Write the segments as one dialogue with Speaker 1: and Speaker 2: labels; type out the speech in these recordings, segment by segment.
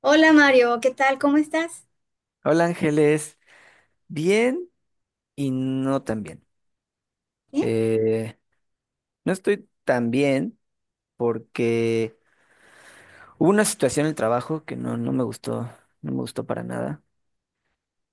Speaker 1: Hola Mario, ¿qué tal? ¿Cómo estás?
Speaker 2: Hola Ángeles, bien y no tan bien.
Speaker 1: ¿Bien?
Speaker 2: Eh, no estoy tan bien porque hubo una situación en el trabajo que no, no me gustó, no me gustó para nada.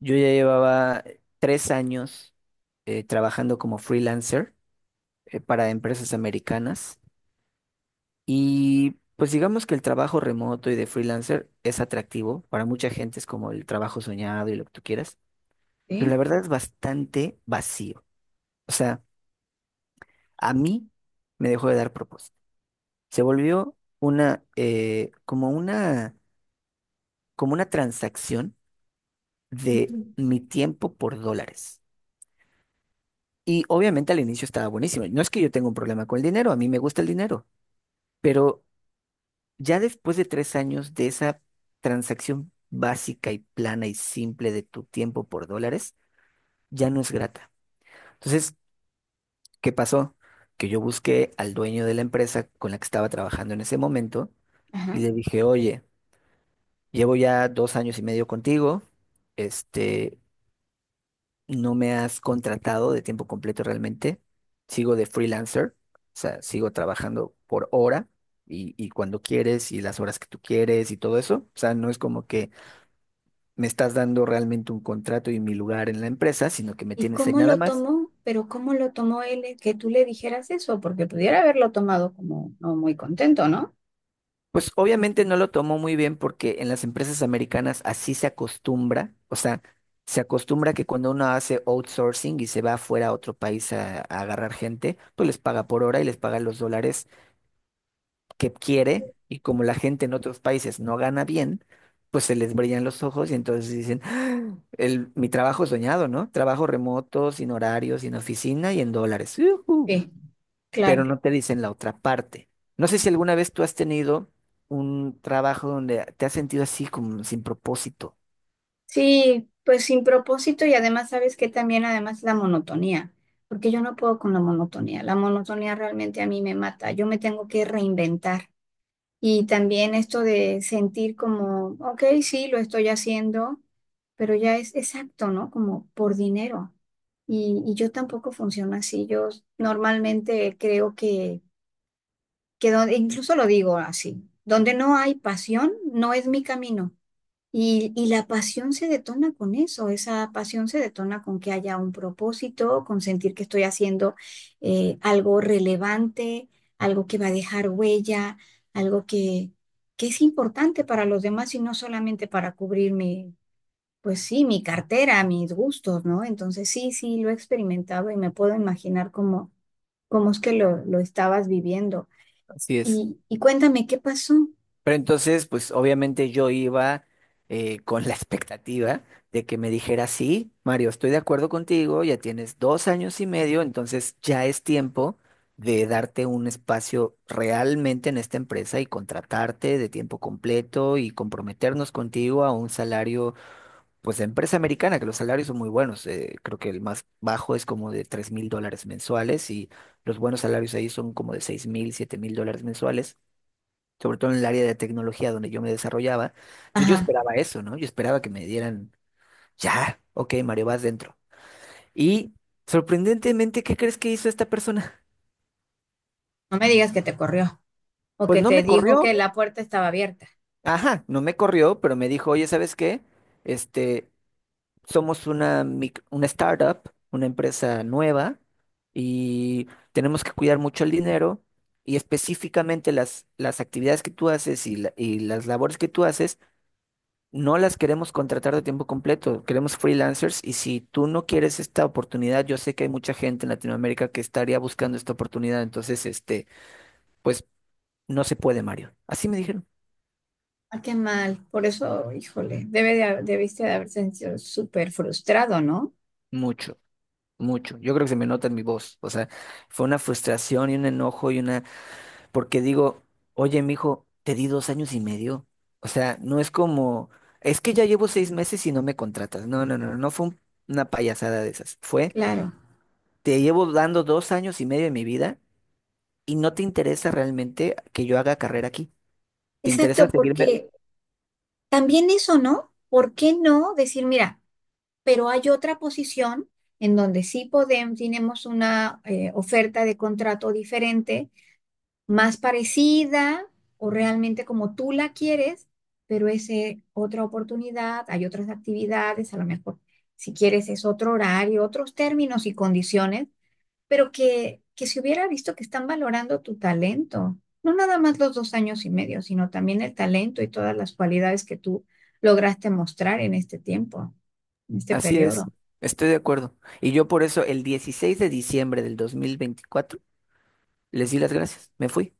Speaker 2: Yo ya llevaba 3 años trabajando como freelancer para empresas americanas, y pues digamos que el trabajo remoto y de freelancer es atractivo, para mucha gente es como el trabajo soñado y lo que tú quieras, pero la verdad es bastante vacío. O sea, a mí me dejó de dar propósito. Se volvió una, como una, como una transacción de
Speaker 1: Ujú.
Speaker 2: mi tiempo por dólares. Y obviamente al inicio estaba buenísimo. No es que yo tenga un problema con el dinero, a mí me gusta el dinero, pero ya después de 3 años de esa transacción básica y plana y simple de tu tiempo por dólares, ya no es grata. Entonces, ¿qué pasó? Que yo busqué al dueño de la empresa con la que estaba trabajando en ese momento y
Speaker 1: Ajá.
Speaker 2: le dije, oye, llevo ya 2 años y medio contigo. Este, no me has contratado de tiempo completo realmente. Sigo de freelancer, o sea, sigo trabajando por hora y cuando quieres y las horas que tú quieres y todo eso. O sea, no es como que me estás dando realmente un contrato y mi lugar en la empresa, sino que me
Speaker 1: ¿Y
Speaker 2: tienes ahí
Speaker 1: cómo
Speaker 2: nada
Speaker 1: lo
Speaker 2: más.
Speaker 1: tomó? Pero ¿cómo lo tomó él el que tú le dijeras eso? Porque pudiera haberlo tomado como no muy contento, ¿no?
Speaker 2: Pues obviamente no lo tomó muy bien porque en las empresas americanas así se acostumbra, o sea, se acostumbra que cuando uno hace outsourcing y se va fuera a otro país a agarrar gente, pues les paga por hora y les paga los dólares que quiere, y como la gente en otros países no gana bien, pues se les brillan los ojos y entonces dicen, "Ah, mi trabajo soñado, ¿no? Trabajo remoto, sin horario, sin oficina y en dólares. ¡Yujú!"
Speaker 1: Sí, claro.
Speaker 2: Pero no te dicen la otra parte. No sé si alguna vez tú has tenido un trabajo donde te has sentido así como sin propósito.
Speaker 1: Sí, pues sin propósito y además sabes que también además la monotonía, porque yo no puedo con la monotonía. La monotonía realmente a mí me mata. Yo me tengo que reinventar. Y también esto de sentir como, ok, sí, lo estoy haciendo, pero ya es exacto, ¿no? Como por dinero. Y yo tampoco funciono así. Yo normalmente creo que donde- incluso lo digo así, donde no hay pasión, no es mi camino. Y la pasión se detona con eso, esa pasión se detona con que haya un propósito, con sentir que estoy haciendo algo relevante, algo que va a dejar huella, algo que es importante para los demás y no solamente para cubrir mi, pues sí, mi cartera, mis gustos, ¿no? Entonces sí, sí, lo he experimentado y me puedo imaginar cómo, cómo es que lo estabas viviendo.
Speaker 2: Así es.
Speaker 1: Y cuéntame, ¿qué pasó?
Speaker 2: Pero entonces, pues obviamente yo iba con la expectativa de que me dijera, sí, Mario, estoy de acuerdo contigo, ya tienes 2 años y medio, entonces ya es tiempo de darte un espacio realmente en esta empresa y contratarte de tiempo completo y comprometernos contigo a un salario pues de empresa americana, que los salarios son muy buenos. Creo que el más bajo es como de $3,000 mensuales, y los buenos salarios ahí son como de $6,000, $7,000 mensuales, sobre todo en el área de tecnología donde yo me desarrollaba. Entonces yo
Speaker 1: Ajá,
Speaker 2: esperaba eso, ¿no? Yo esperaba que me dieran, ya, ok, Mario, vas dentro. Y sorprendentemente, ¿qué crees que hizo esta persona?
Speaker 1: no me digas que te corrió. O
Speaker 2: Pues
Speaker 1: que
Speaker 2: no me
Speaker 1: te dijo que
Speaker 2: corrió.
Speaker 1: la puerta estaba abierta.
Speaker 2: Ajá, no me corrió, pero me dijo, oye, ¿sabes qué? Este, somos una startup, una empresa nueva, y tenemos que cuidar mucho el dinero, y específicamente las actividades que tú haces, y, las labores que tú haces, no las queremos contratar de tiempo completo, queremos freelancers, y si tú no quieres esta oportunidad, yo sé que hay mucha gente en Latinoamérica que estaría buscando esta oportunidad, entonces, pues no se puede, Mario. Así me dijeron,
Speaker 1: Ah, qué mal. Por eso, híjole, debe de, ha- debiste de haber sentido súper frustrado, ¿no?
Speaker 2: mucho. Mucho. Yo creo que se me nota en mi voz. O sea, fue una frustración y un enojo y una porque digo, oye, mijo, te di 2 años y medio. O sea, no es como, es que ya llevo 6 meses y no me contratas. No, no, no, no fue una payasada de esas. Fue,
Speaker 1: Claro.
Speaker 2: te llevo dando 2 años y medio de mi vida y no te interesa realmente que yo haga carrera aquí. ¿Te
Speaker 1: Exacto,
Speaker 2: interesa seguirme?
Speaker 1: porque también eso, ¿no? ¿Por qué no decir? Mira, pero hay otra posición en donde sí podemos, tenemos una oferta de contrato diferente, más parecida o realmente como tú la quieres, pero es otra oportunidad, hay otras actividades, a lo mejor si quieres es otro horario, otros términos y condiciones, pero que se hubiera visto que están valorando tu talento, no nada más los 2 años y medio, sino también el talento y todas las cualidades que tú lograste mostrar en este tiempo, en este
Speaker 2: Así es,
Speaker 1: periodo.
Speaker 2: estoy de acuerdo. Y yo por eso el 16 de diciembre de 2024 les di las gracias, me fui.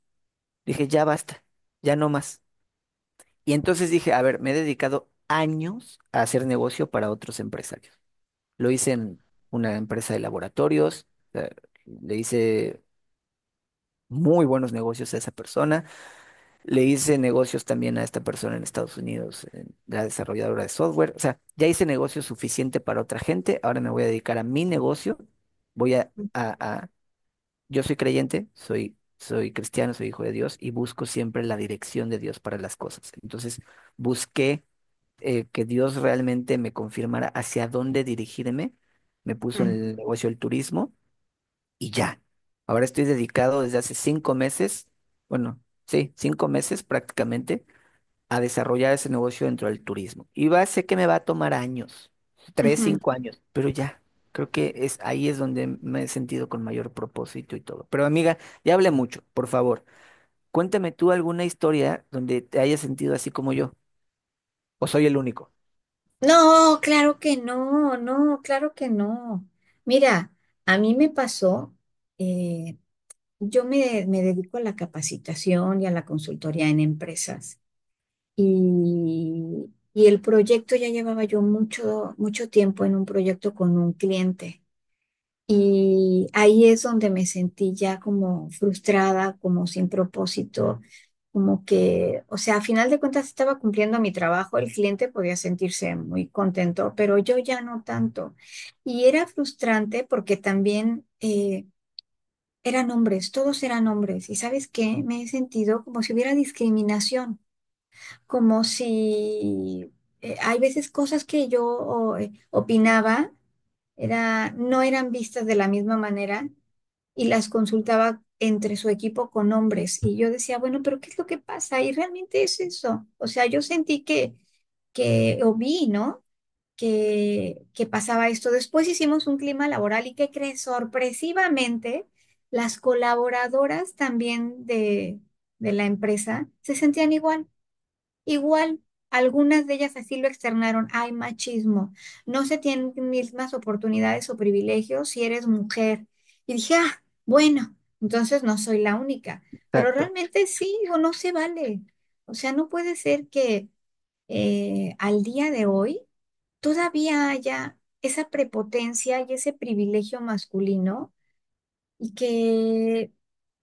Speaker 2: Dije, ya basta, ya no más. Y entonces dije, a ver, me he dedicado años a hacer negocio para otros empresarios. Lo hice en una empresa de laboratorios, eh, le hice muy buenos negocios a esa persona, le hice negocios también a esta persona en Estados Unidos, en la desarrolladora de software. O sea, ya hice negocio suficiente para otra gente, ahora me voy a dedicar a mi negocio, voy a, a, yo soy creyente, soy cristiano, soy hijo de Dios y busco siempre la dirección de Dios para las cosas. Entonces, busqué que Dios realmente me confirmara hacia dónde dirigirme. Me puso en
Speaker 1: Mm.
Speaker 2: el negocio del turismo y ya. Ahora estoy dedicado desde hace 5 meses, bueno, sí, 5 meses prácticamente, a desarrollar ese negocio dentro del turismo. Y va, sé que me va a tomar años, tres,
Speaker 1: Ujú.
Speaker 2: cinco años, pero ya, creo que es ahí es donde me he sentido con mayor propósito y todo. Pero amiga, ya hablé mucho, por favor, cuéntame tú alguna historia donde te hayas sentido así como yo, o soy el único.
Speaker 1: No, claro que no, no, claro que no. Mira, a mí me pasó, eh, yo me dedico a la capacitación y a la consultoría en empresas y, y el proyecto ya llevaba yo mucho, mucho tiempo en un proyecto con un cliente y ahí es donde me sentí ya como frustrada, como sin propósito, como que, o sea, a final de cuentas estaba cumpliendo mi trabajo, el cliente podía sentirse muy contento, pero yo ya no tanto. Y era frustrante porque también eran hombres, todos eran hombres. ¿Y sabes qué? Me he sentido como si hubiera discriminación, como si hay veces cosas que yo o- opinaba. Era, no eran vistas de la misma manera y las consultaba entre su equipo con hombres. Y yo decía, bueno, pero ¿qué es lo que pasa? Y realmente es eso. O sea, yo sentí que o vi, ¿no? Que pasaba esto. Después hicimos un clima laboral y ¿qué crees? Sorpresivamente, las colaboradoras también de la empresa se sentían igual. Igual, algunas de ellas así lo externaron. Hay machismo. No se tienen mismas oportunidades o privilegios si eres mujer. Y dije, ah, bueno, entonces no soy la única. Pero
Speaker 2: Exacto.
Speaker 1: realmente sí, o no se vale. O sea, no puede ser que al día de hoy todavía haya esa prepotencia y ese privilegio masculino y que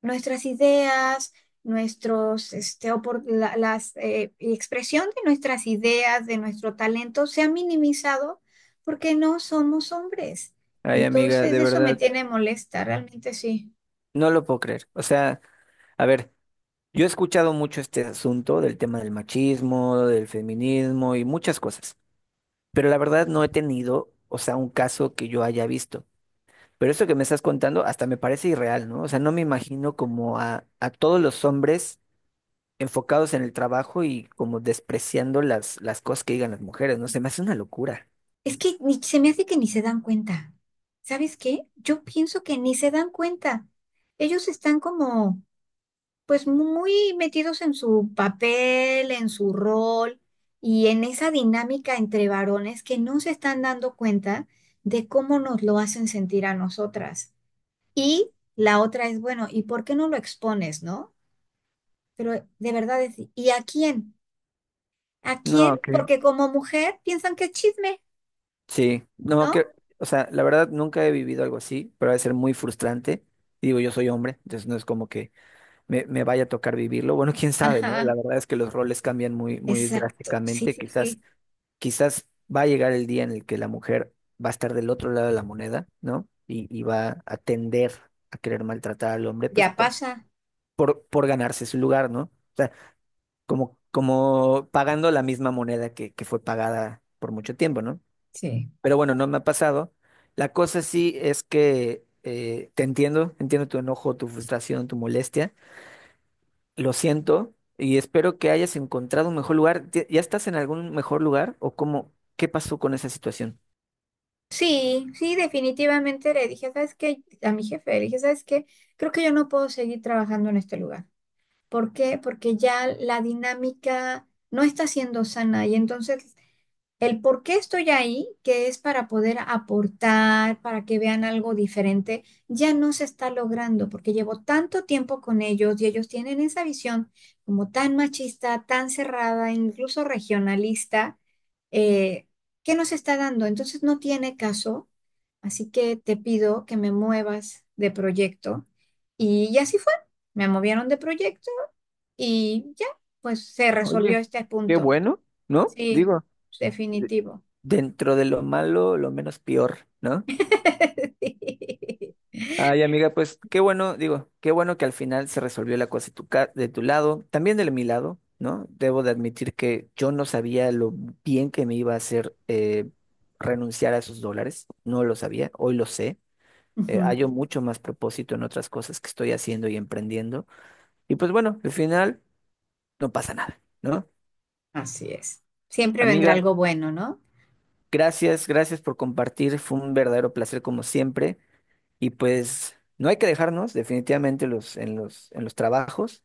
Speaker 1: nuestras ideas, nuestros, este, opor- la- las, y expresión de nuestras ideas, de nuestro talento, se ha minimizado porque no somos hombres.
Speaker 2: Ay, amiga,
Speaker 1: Entonces,
Speaker 2: de
Speaker 1: eso me
Speaker 2: verdad,
Speaker 1: tiene molesta, realmente sí.
Speaker 2: no lo puedo creer. O sea, a ver, yo he escuchado mucho este asunto del tema del machismo, del feminismo y muchas cosas, pero la verdad no he tenido, o sea, un caso que yo haya visto. Pero eso que me estás contando hasta me parece irreal, ¿no? O sea, no me imagino como a todos los hombres enfocados en el trabajo y como despreciando las cosas que digan las mujeres, ¿no? Se me hace una locura.
Speaker 1: Es que ni- se me hace que ni se dan cuenta. ¿Sabes qué? Yo pienso que ni se dan cuenta. Ellos están como pues muy metidos en su papel, en su rol y en esa dinámica entre varones que no se están dando cuenta de cómo nos lo hacen sentir a nosotras. Y la otra es, bueno, ¿y por qué no lo expones, no? Pero de verdad es, ¿y a quién? ¿A quién?
Speaker 2: No, que
Speaker 1: Porque como mujer piensan que es chisme,
Speaker 2: Sí, no, que,
Speaker 1: ¿no?
Speaker 2: o sea, la verdad nunca he vivido algo así, pero debe ser muy frustrante. Digo, yo soy hombre, entonces no es como que me vaya a tocar vivirlo. Bueno, quién sabe, ¿no?
Speaker 1: Ajá,
Speaker 2: La verdad es que los roles cambian muy, muy
Speaker 1: exacto, sí,
Speaker 2: drásticamente.
Speaker 1: sí,
Speaker 2: Quizás
Speaker 1: sí,
Speaker 2: quizás va a llegar el día en el que la mujer va a estar del otro lado de la moneda, ¿no? Y va a tender a querer maltratar al hombre, pues
Speaker 1: ya
Speaker 2: por,
Speaker 1: pasa.
Speaker 2: por, por ganarse su lugar, ¿no? O sea, como pagando la misma moneda que fue pagada por mucho tiempo, ¿no?
Speaker 1: Sí.
Speaker 2: Pero bueno, no me ha pasado. La cosa sí es que te entiendo, entiendo tu enojo, tu frustración, tu molestia. Lo siento y espero que hayas encontrado un mejor lugar. ¿Ya estás en algún mejor lugar o cómo, qué pasó con esa situación?
Speaker 1: Sí, sí, definitivamente le dije, ¿sabes qué? A mi jefe le dije, ¿sabes qué? Creo que yo no puedo seguir trabajando en este lugar. ¿Por qué? Porque ya la dinámica no está siendo sana y entonces el por qué estoy ahí, que es para poder aportar, para que vean algo diferente, ya no se está logrando porque llevo tanto tiempo con ellos y ellos tienen esa visión como tan machista, tan cerrada, incluso regionalista, eh, que no se está dando. Entonces no tiene caso, así que te pido que me muevas de proyecto. Y así fue, me movieron de proyecto y ya, pues se resolvió
Speaker 2: Oye,
Speaker 1: este
Speaker 2: qué
Speaker 1: punto.
Speaker 2: bueno, ¿no?
Speaker 1: Sí,
Speaker 2: Digo,
Speaker 1: definitivo.
Speaker 2: dentro de lo malo, lo menos peor, ¿no?
Speaker 1: Sí.
Speaker 2: Ay, amiga, pues qué bueno, digo, qué bueno que al final se resolvió la cosa de tu lado, también de mi lado, ¿no? Debo de admitir que yo no sabía lo bien que me iba a hacer renunciar a esos dólares, no lo sabía, hoy lo sé. Eh,
Speaker 1: Ujú.
Speaker 2: hallo mucho más propósito en otras cosas que estoy haciendo y emprendiendo. Y pues bueno, al final no pasa nada, ¿no?
Speaker 1: Así es. Siempre vendrá
Speaker 2: Amiga,
Speaker 1: algo bueno, ¿no?
Speaker 2: gracias, gracias por compartir. Fue un verdadero placer como siempre. Y pues no hay que dejarnos definitivamente en los trabajos.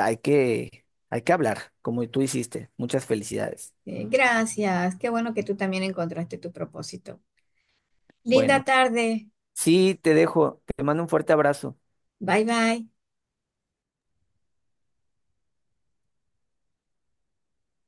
Speaker 2: Hay que hablar, como tú hiciste. Muchas felicidades.
Speaker 1: Gracias. Qué bueno que tú también encontraste tu propósito. Linda
Speaker 2: Bueno,
Speaker 1: tarde.
Speaker 2: sí, te dejo. Te mando un fuerte abrazo.
Speaker 1: Bye bye.